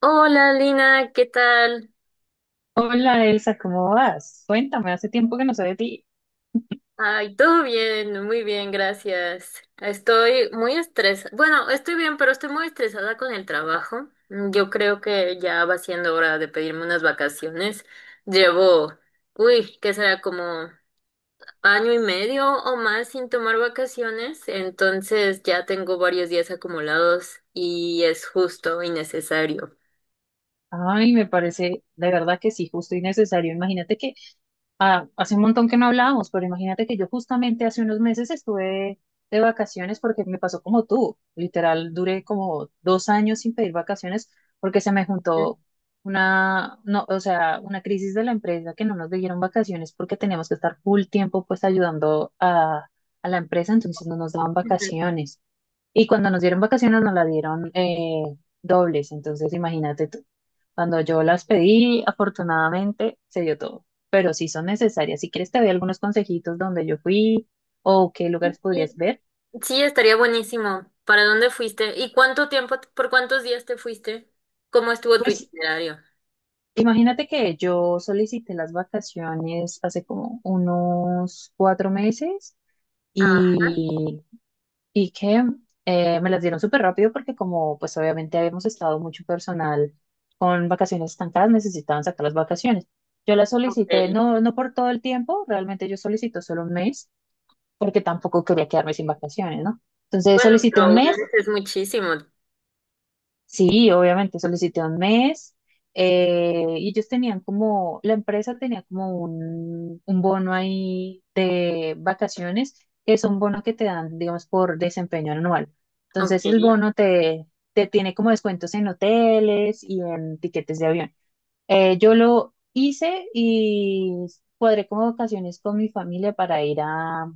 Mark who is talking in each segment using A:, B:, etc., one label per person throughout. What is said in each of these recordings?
A: Hola Lina, ¿qué tal?
B: Hola Elsa, ¿cómo vas? Cuéntame, hace tiempo que no sé de ti.
A: Ay, todo bien, muy bien, gracias. Estoy muy estresada. Bueno, estoy bien, pero estoy muy estresada con el trabajo. Yo creo que ya va siendo hora de pedirme unas vacaciones. Llevo, uy, ¿qué será? Como año y medio o más sin tomar vacaciones. Entonces ya tengo varios días acumulados y es justo y necesario.
B: Ay, me parece de verdad que sí, justo y necesario. Hace un montón que no hablábamos, pero imagínate que yo justamente hace unos meses estuve de vacaciones porque me pasó como tú. Literal, duré como dos años sin pedir vacaciones porque se me juntó una, no, o sea, una crisis de la empresa que no nos dieron vacaciones porque teníamos que estar full tiempo pues ayudando a la empresa, entonces no nos daban
A: Ujú.
B: vacaciones. Y cuando nos dieron vacaciones nos la dieron dobles, entonces imagínate tú. Cuando yo las pedí, afortunadamente se dio todo, pero sí son necesarias. Si quieres te doy algunos consejitos donde yo fui o qué lugares podrías ver.
A: Sí, estaría buenísimo. ¿Para dónde fuiste? ¿Y cuánto tiempo, por cuántos días te fuiste? ¿Cómo estuvo tu
B: Pues
A: itinerario?
B: imagínate que yo solicité las vacaciones hace como unos cuatro meses
A: Ah,
B: y y que me las dieron súper rápido porque como pues obviamente habíamos estado mucho personal con vacaciones estancadas, necesitaban sacar las vacaciones. Yo las solicité,
A: ok.
B: no, no por todo el tiempo, realmente yo solicito solo un mes porque tampoco quería quedarme sin vacaciones, ¿no? Entonces
A: Bueno,
B: solicité
A: pero
B: un
A: un
B: mes.
A: mes es muchísimo.
B: Sí, obviamente, solicité un mes, y ellos tenían como, la empresa tenía como un bono ahí de vacaciones, que es un bono que te dan, digamos, por desempeño anual. Entonces
A: Ok.
B: el bono te, Te tiene como descuentos en hoteles y en tiquetes de avión. Yo lo hice y cuadré como vacaciones con mi familia para ir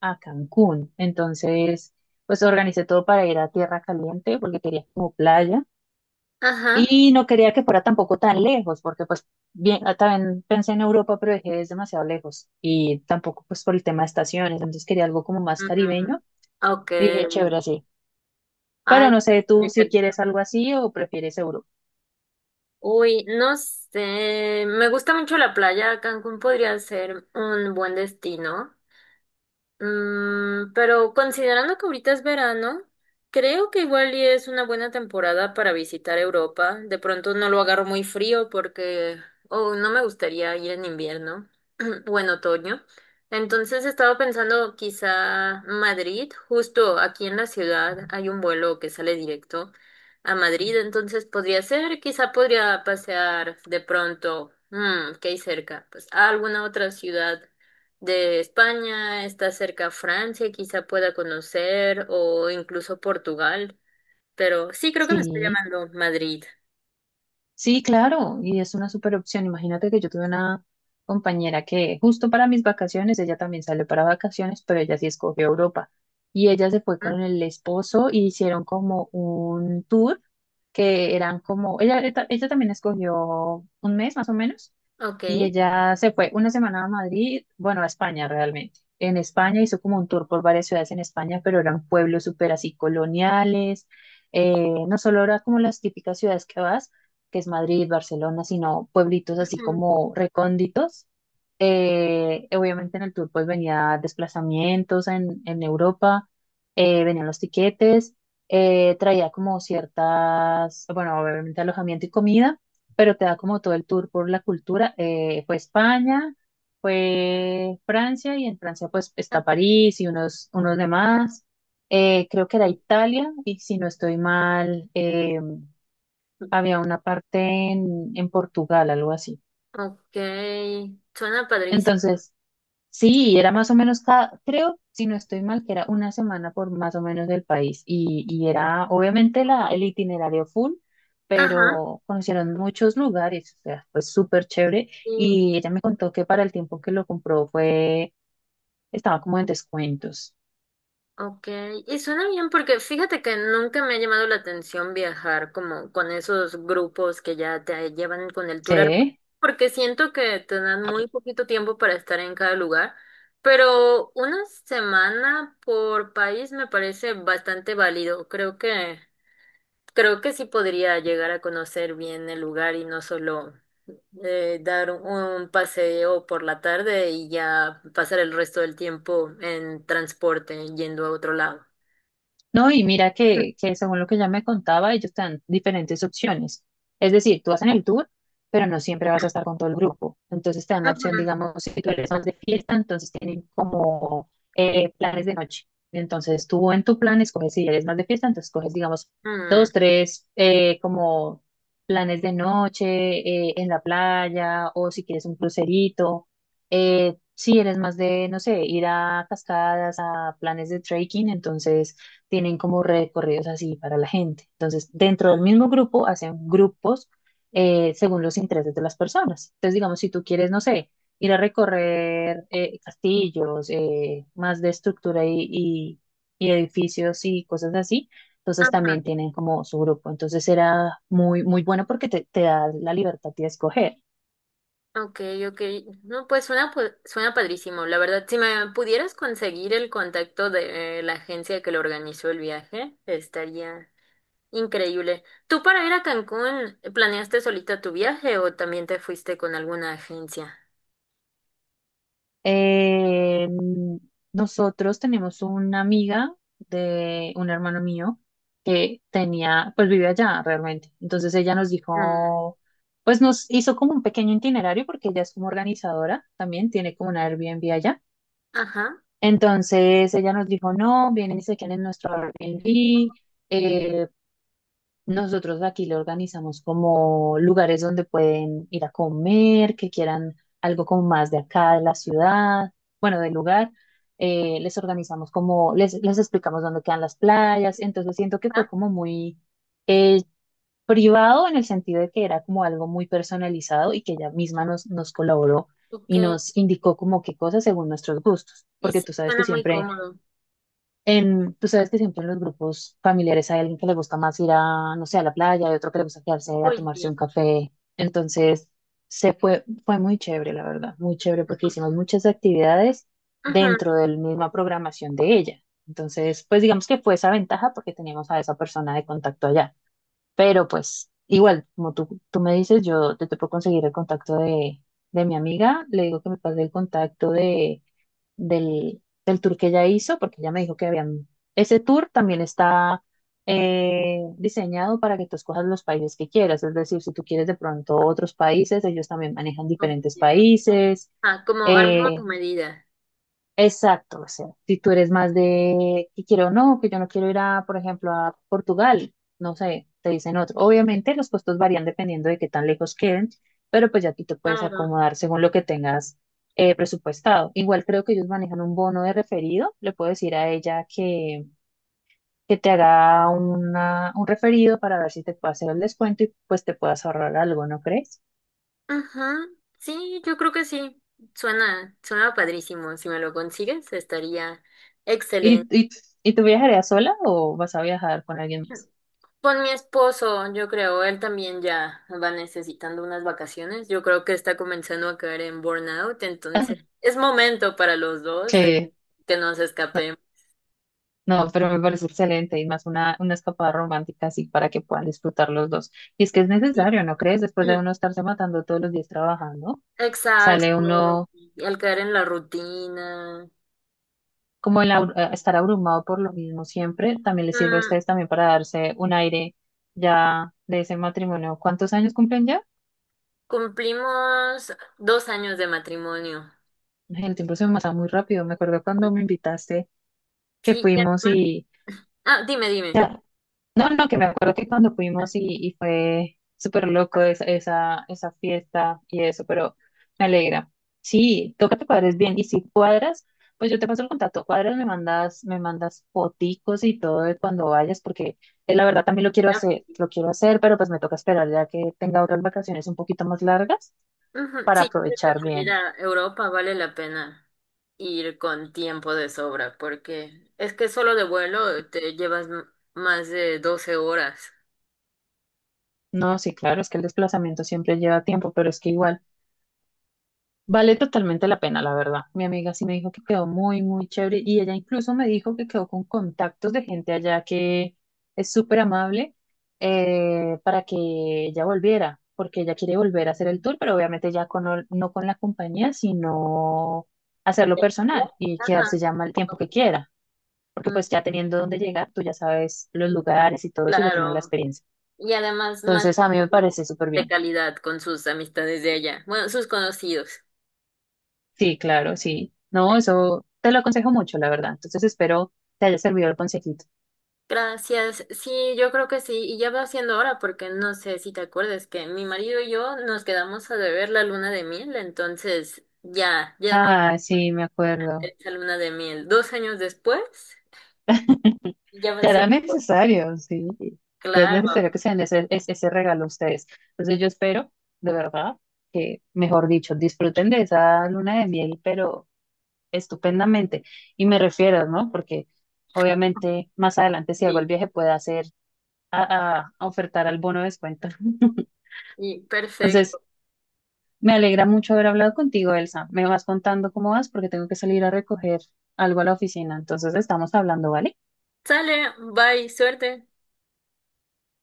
B: a Cancún. Entonces, pues organicé todo para ir a Tierra Caliente porque quería como playa.
A: Ajá.
B: Y no quería que fuera tampoco tan lejos, porque pues bien, ah, también pensé en Europa, pero dije, es demasiado lejos. Y tampoco pues por el tema de estaciones, entonces quería algo como más
A: Mm,
B: caribeño.
A: ok.
B: Y dije, chévere, sí. Pero
A: Ay,
B: no sé, tú
A: de
B: si
A: Cancún.
B: quieres algo así o prefieres Europa.
A: Uy, no sé. Me gusta mucho la playa. Cancún podría ser un buen destino. Pero considerando que ahorita es verano, creo que igual y es una buena temporada para visitar Europa. De pronto no lo agarro muy frío porque oh, no me gustaría ir en invierno o en otoño. Entonces estaba pensando quizá Madrid, justo aquí en la ciudad hay un vuelo que sale directo a Madrid, entonces podría ser, quizá podría pasear de pronto, que hay cerca, pues a alguna otra ciudad de España, está cerca Francia, quizá pueda conocer, o incluso Portugal, pero sí creo que me está
B: Sí.
A: llamando Madrid.
B: Sí, claro, y es una super opción. Imagínate que yo tuve una compañera que justo para mis vacaciones, ella también salió para vacaciones, pero ella sí escogió Europa. Y ella se fue
A: ¿Mm?
B: con el esposo y hicieron como un tour que eran como, ella también escogió un mes más o menos
A: Ok.
B: y ella se fue una semana a Madrid, bueno, a España realmente. En España hizo como un tour por varias ciudades en España, pero eran pueblos súper así coloniales. No solo era como las típicas ciudades que vas, que es Madrid, Barcelona, sino pueblitos así
A: Ujú.
B: como recónditos. Obviamente en el tour pues venía desplazamientos en Europa, venían los tiquetes, traía como ciertas, bueno, obviamente alojamiento y comida pero te da como todo el tour por la cultura. Fue España, fue Francia y en Francia pues
A: Ah,
B: está París y unos, unos demás. Creo que era
A: sí.
B: Italia y si no estoy mal, había una parte en Portugal, algo así.
A: Ok, suena padrísimo.
B: Entonces, sí, era más o menos cada, creo, si no estoy mal, que era una semana por más o menos del país. Y era obviamente el itinerario full,
A: Ajá.
B: pero conocieron muchos lugares, o sea, fue súper chévere.
A: Sí.
B: Y ella me contó que para el tiempo que lo compró fue, estaba como en descuentos.
A: Ok, y suena bien porque fíjate que nunca me ha llamado la atención viajar como con esos grupos que ya te llevan con el tour, armado,
B: Sí.
A: porque siento que te dan muy poquito tiempo para estar en cada lugar, pero una semana por país me parece bastante válido. Creo que sí podría llegar a conocer bien el lugar y no solo dar un paseo por la tarde y ya pasar el resto del tiempo en transporte yendo a otro lado.
B: No, y mira que según lo que ya me contaba, ellos te dan diferentes opciones. Es decir, tú vas en el tour, pero no siempre vas a estar con todo el grupo. Entonces te dan la opción,
A: Ujú,
B: digamos, si tú eres más de fiesta, entonces tienen como planes de noche. Entonces tú en tu plan escoges, si eres más de fiesta, entonces coges, digamos, dos,
A: mm,
B: tres, como planes de noche en la playa o si quieres un crucerito. Si eres más de, no sé, ir a cascadas, a planes de trekking, entonces tienen como recorridos así para la gente. Entonces, dentro del mismo grupo hacen grupos según los intereses de las personas. Entonces, digamos, si tú quieres, no sé, ir a recorrer castillos, más de estructura y edificios y cosas así, entonces también tienen como su grupo. Entonces, era muy, muy bueno porque te da la libertad de escoger.
A: ok, ok. No, pues suena padrísimo. La verdad, si me pudieras conseguir el contacto de la agencia que lo organizó el viaje, estaría increíble. ¿Tú para ir a Cancún planeaste solita tu viaje o también te fuiste con alguna agencia?
B: Eh, Nosotros tenemos una amiga de un hermano mío que tenía, pues vive allá realmente. Entonces ella nos
A: Mm,
B: dijo, pues nos hizo como un pequeño itinerario porque ella es como organizadora también, tiene como una Airbnb allá.
A: ajá.
B: Entonces ella nos dijo, no, vienen y se quedan en nuestro Airbnb, eh, nosotros aquí lo organizamos como lugares donde pueden ir a comer, que quieran algo como más de acá, de la ciudad, bueno, del lugar. Les les explicamos dónde quedan las playas. Entonces siento que fue
A: Ah,
B: como muy eh, privado en el sentido de que era como algo muy personalizado y que ella misma nos colaboró
A: ok.
B: y nos indicó como qué cosas según nuestros gustos,
A: Sí,
B: porque
A: sí,
B: tú sabes que
A: suena muy
B: siempre
A: cómodo.
B: tú sabes que siempre en los grupos familiares hay alguien que le gusta más ir a, no sé, a la playa, y otro que le gusta quedarse a
A: Muy
B: tomarse
A: bien.
B: un café. Entonces, fue muy chévere, la verdad, muy chévere porque hicimos muchas actividades
A: Ujú,
B: dentro de la misma programación de ella. Entonces, pues digamos que fue esa ventaja porque teníamos a esa persona de contacto allá. Pero pues, igual, como tú me dices, yo te puedo conseguir el contacto de mi amiga, le digo que me pase el contacto de del tour que ella hizo, porque ella me dijo que habían... Ese tour también está diseñado para que tú escojas los países que quieras, es decir, si tú quieres de pronto otros países, ellos también manejan
A: ok.
B: diferentes países.
A: Ah, como armó tu
B: eh,
A: medida.
B: Exacto, o sea, si tú eres más de que quiero o no, que yo no quiero ir a, por ejemplo, a Portugal, no sé, te dicen otro. Obviamente los costos varían dependiendo de qué tan lejos queden, pero pues ya tú te puedes
A: Claro.
B: acomodar según lo que tengas presupuestado. Igual creo que ellos manejan un bono de referido, le puedo decir a ella que te haga una, un referido para ver si te puede hacer el descuento y pues te puedas ahorrar algo, ¿no crees?
A: Ajá, sí, yo creo que sí. Suena, suena padrísimo. Si me lo consigues, estaría
B: ¿Y,
A: excelente.
B: y, y tú viajarías sola o vas a viajar con alguien más?
A: Con mi esposo, yo creo, él también ya va necesitando unas vacaciones. Yo creo que está comenzando a caer en burnout, entonces es momento para los dos de que nos escapemos.
B: No, pero me parece excelente y más una escapada romántica así para que puedan disfrutar los dos. Y es que es
A: Sí.
B: necesario, ¿no crees? Después de uno estarse matando todos los días trabajando, sale
A: Exacto.
B: uno
A: Y al caer en la rutina.
B: como estar abrumado por lo mismo siempre, también les sirve a
A: Mm,
B: ustedes también para darse un aire ya de ese matrimonio. ¿Cuántos años cumplen ya?
A: Cumplimos 2 años de matrimonio.
B: El tiempo se me pasa muy rápido. Me acuerdo cuando me invitaste que
A: Sí,
B: fuimos y...
A: ah, dime, dime.
B: No, no, que me acuerdo que cuando fuimos y fue súper loco esa fiesta y eso, pero me alegra. Sí, toca que cuadres bien. Y si cuadras, pues yo te paso el contacto. Cuadras, me mandas foticos y todo de cuando vayas, porque la verdad también
A: Ah,
B: lo quiero hacer, pero pues me toca esperar ya que tenga otras vacaciones un poquito más largas
A: ujú,
B: para
A: sí, yo creo que
B: aprovechar
A: para ir
B: bien.
A: a Europa vale la pena ir con tiempo de sobra, porque es que solo de vuelo te llevas más de 12 horas.
B: No, sí, claro, es que el desplazamiento siempre lleva tiempo, pero es que igual. Vale totalmente la pena, la verdad. Mi amiga sí me dijo que quedó muy, muy chévere y ella incluso me dijo que quedó con contactos de gente allá que es súper amable para que ella volviera, porque ella quiere volver a hacer el tour, pero obviamente ya no con la compañía, sino hacerlo
A: ¿De vuelo?
B: personal y
A: Ajá.
B: quedarse ya mal tiempo que quiera, porque
A: Mm,
B: pues ya teniendo dónde llegar, tú ya sabes los lugares y todo eso, ya tienes la
A: claro.
B: experiencia.
A: Y además más
B: Entonces a mí
A: tiempo
B: me
A: como
B: parece súper
A: de
B: bien.
A: calidad con sus amistades de allá, bueno, sus conocidos.
B: Sí, claro, sí. No, eso te lo aconsejo mucho, la verdad. Entonces espero te haya servido el consejito.
A: Gracias. Sí, yo creo que sí. Y ya va siendo hora porque no sé si te acuerdas que mi marido y yo nos quedamos a deber la luna de miel. Entonces, ya, ya es momento
B: Ah, sí, me acuerdo.
A: de esa luna de miel. 2 años después, ya va
B: Ya era
A: siendo.
B: necesario, sí. Ya es
A: Claro,
B: necesario que se den ese regalo a ustedes. Entonces yo espero, de verdad, que, mejor dicho, disfruten de esa luna de miel, pero estupendamente. Y me refiero, ¿no? Porque obviamente más adelante, si hago el
A: sí.
B: viaje, pueda hacer a ofertar al bono de descuento.
A: Y
B: Entonces...
A: perfecto.
B: Me alegra mucho haber hablado contigo, Elsa. Me vas contando cómo vas porque tengo que salir a recoger algo a la oficina. Entonces estamos hablando, ¿vale?
A: Sale, bye, suerte.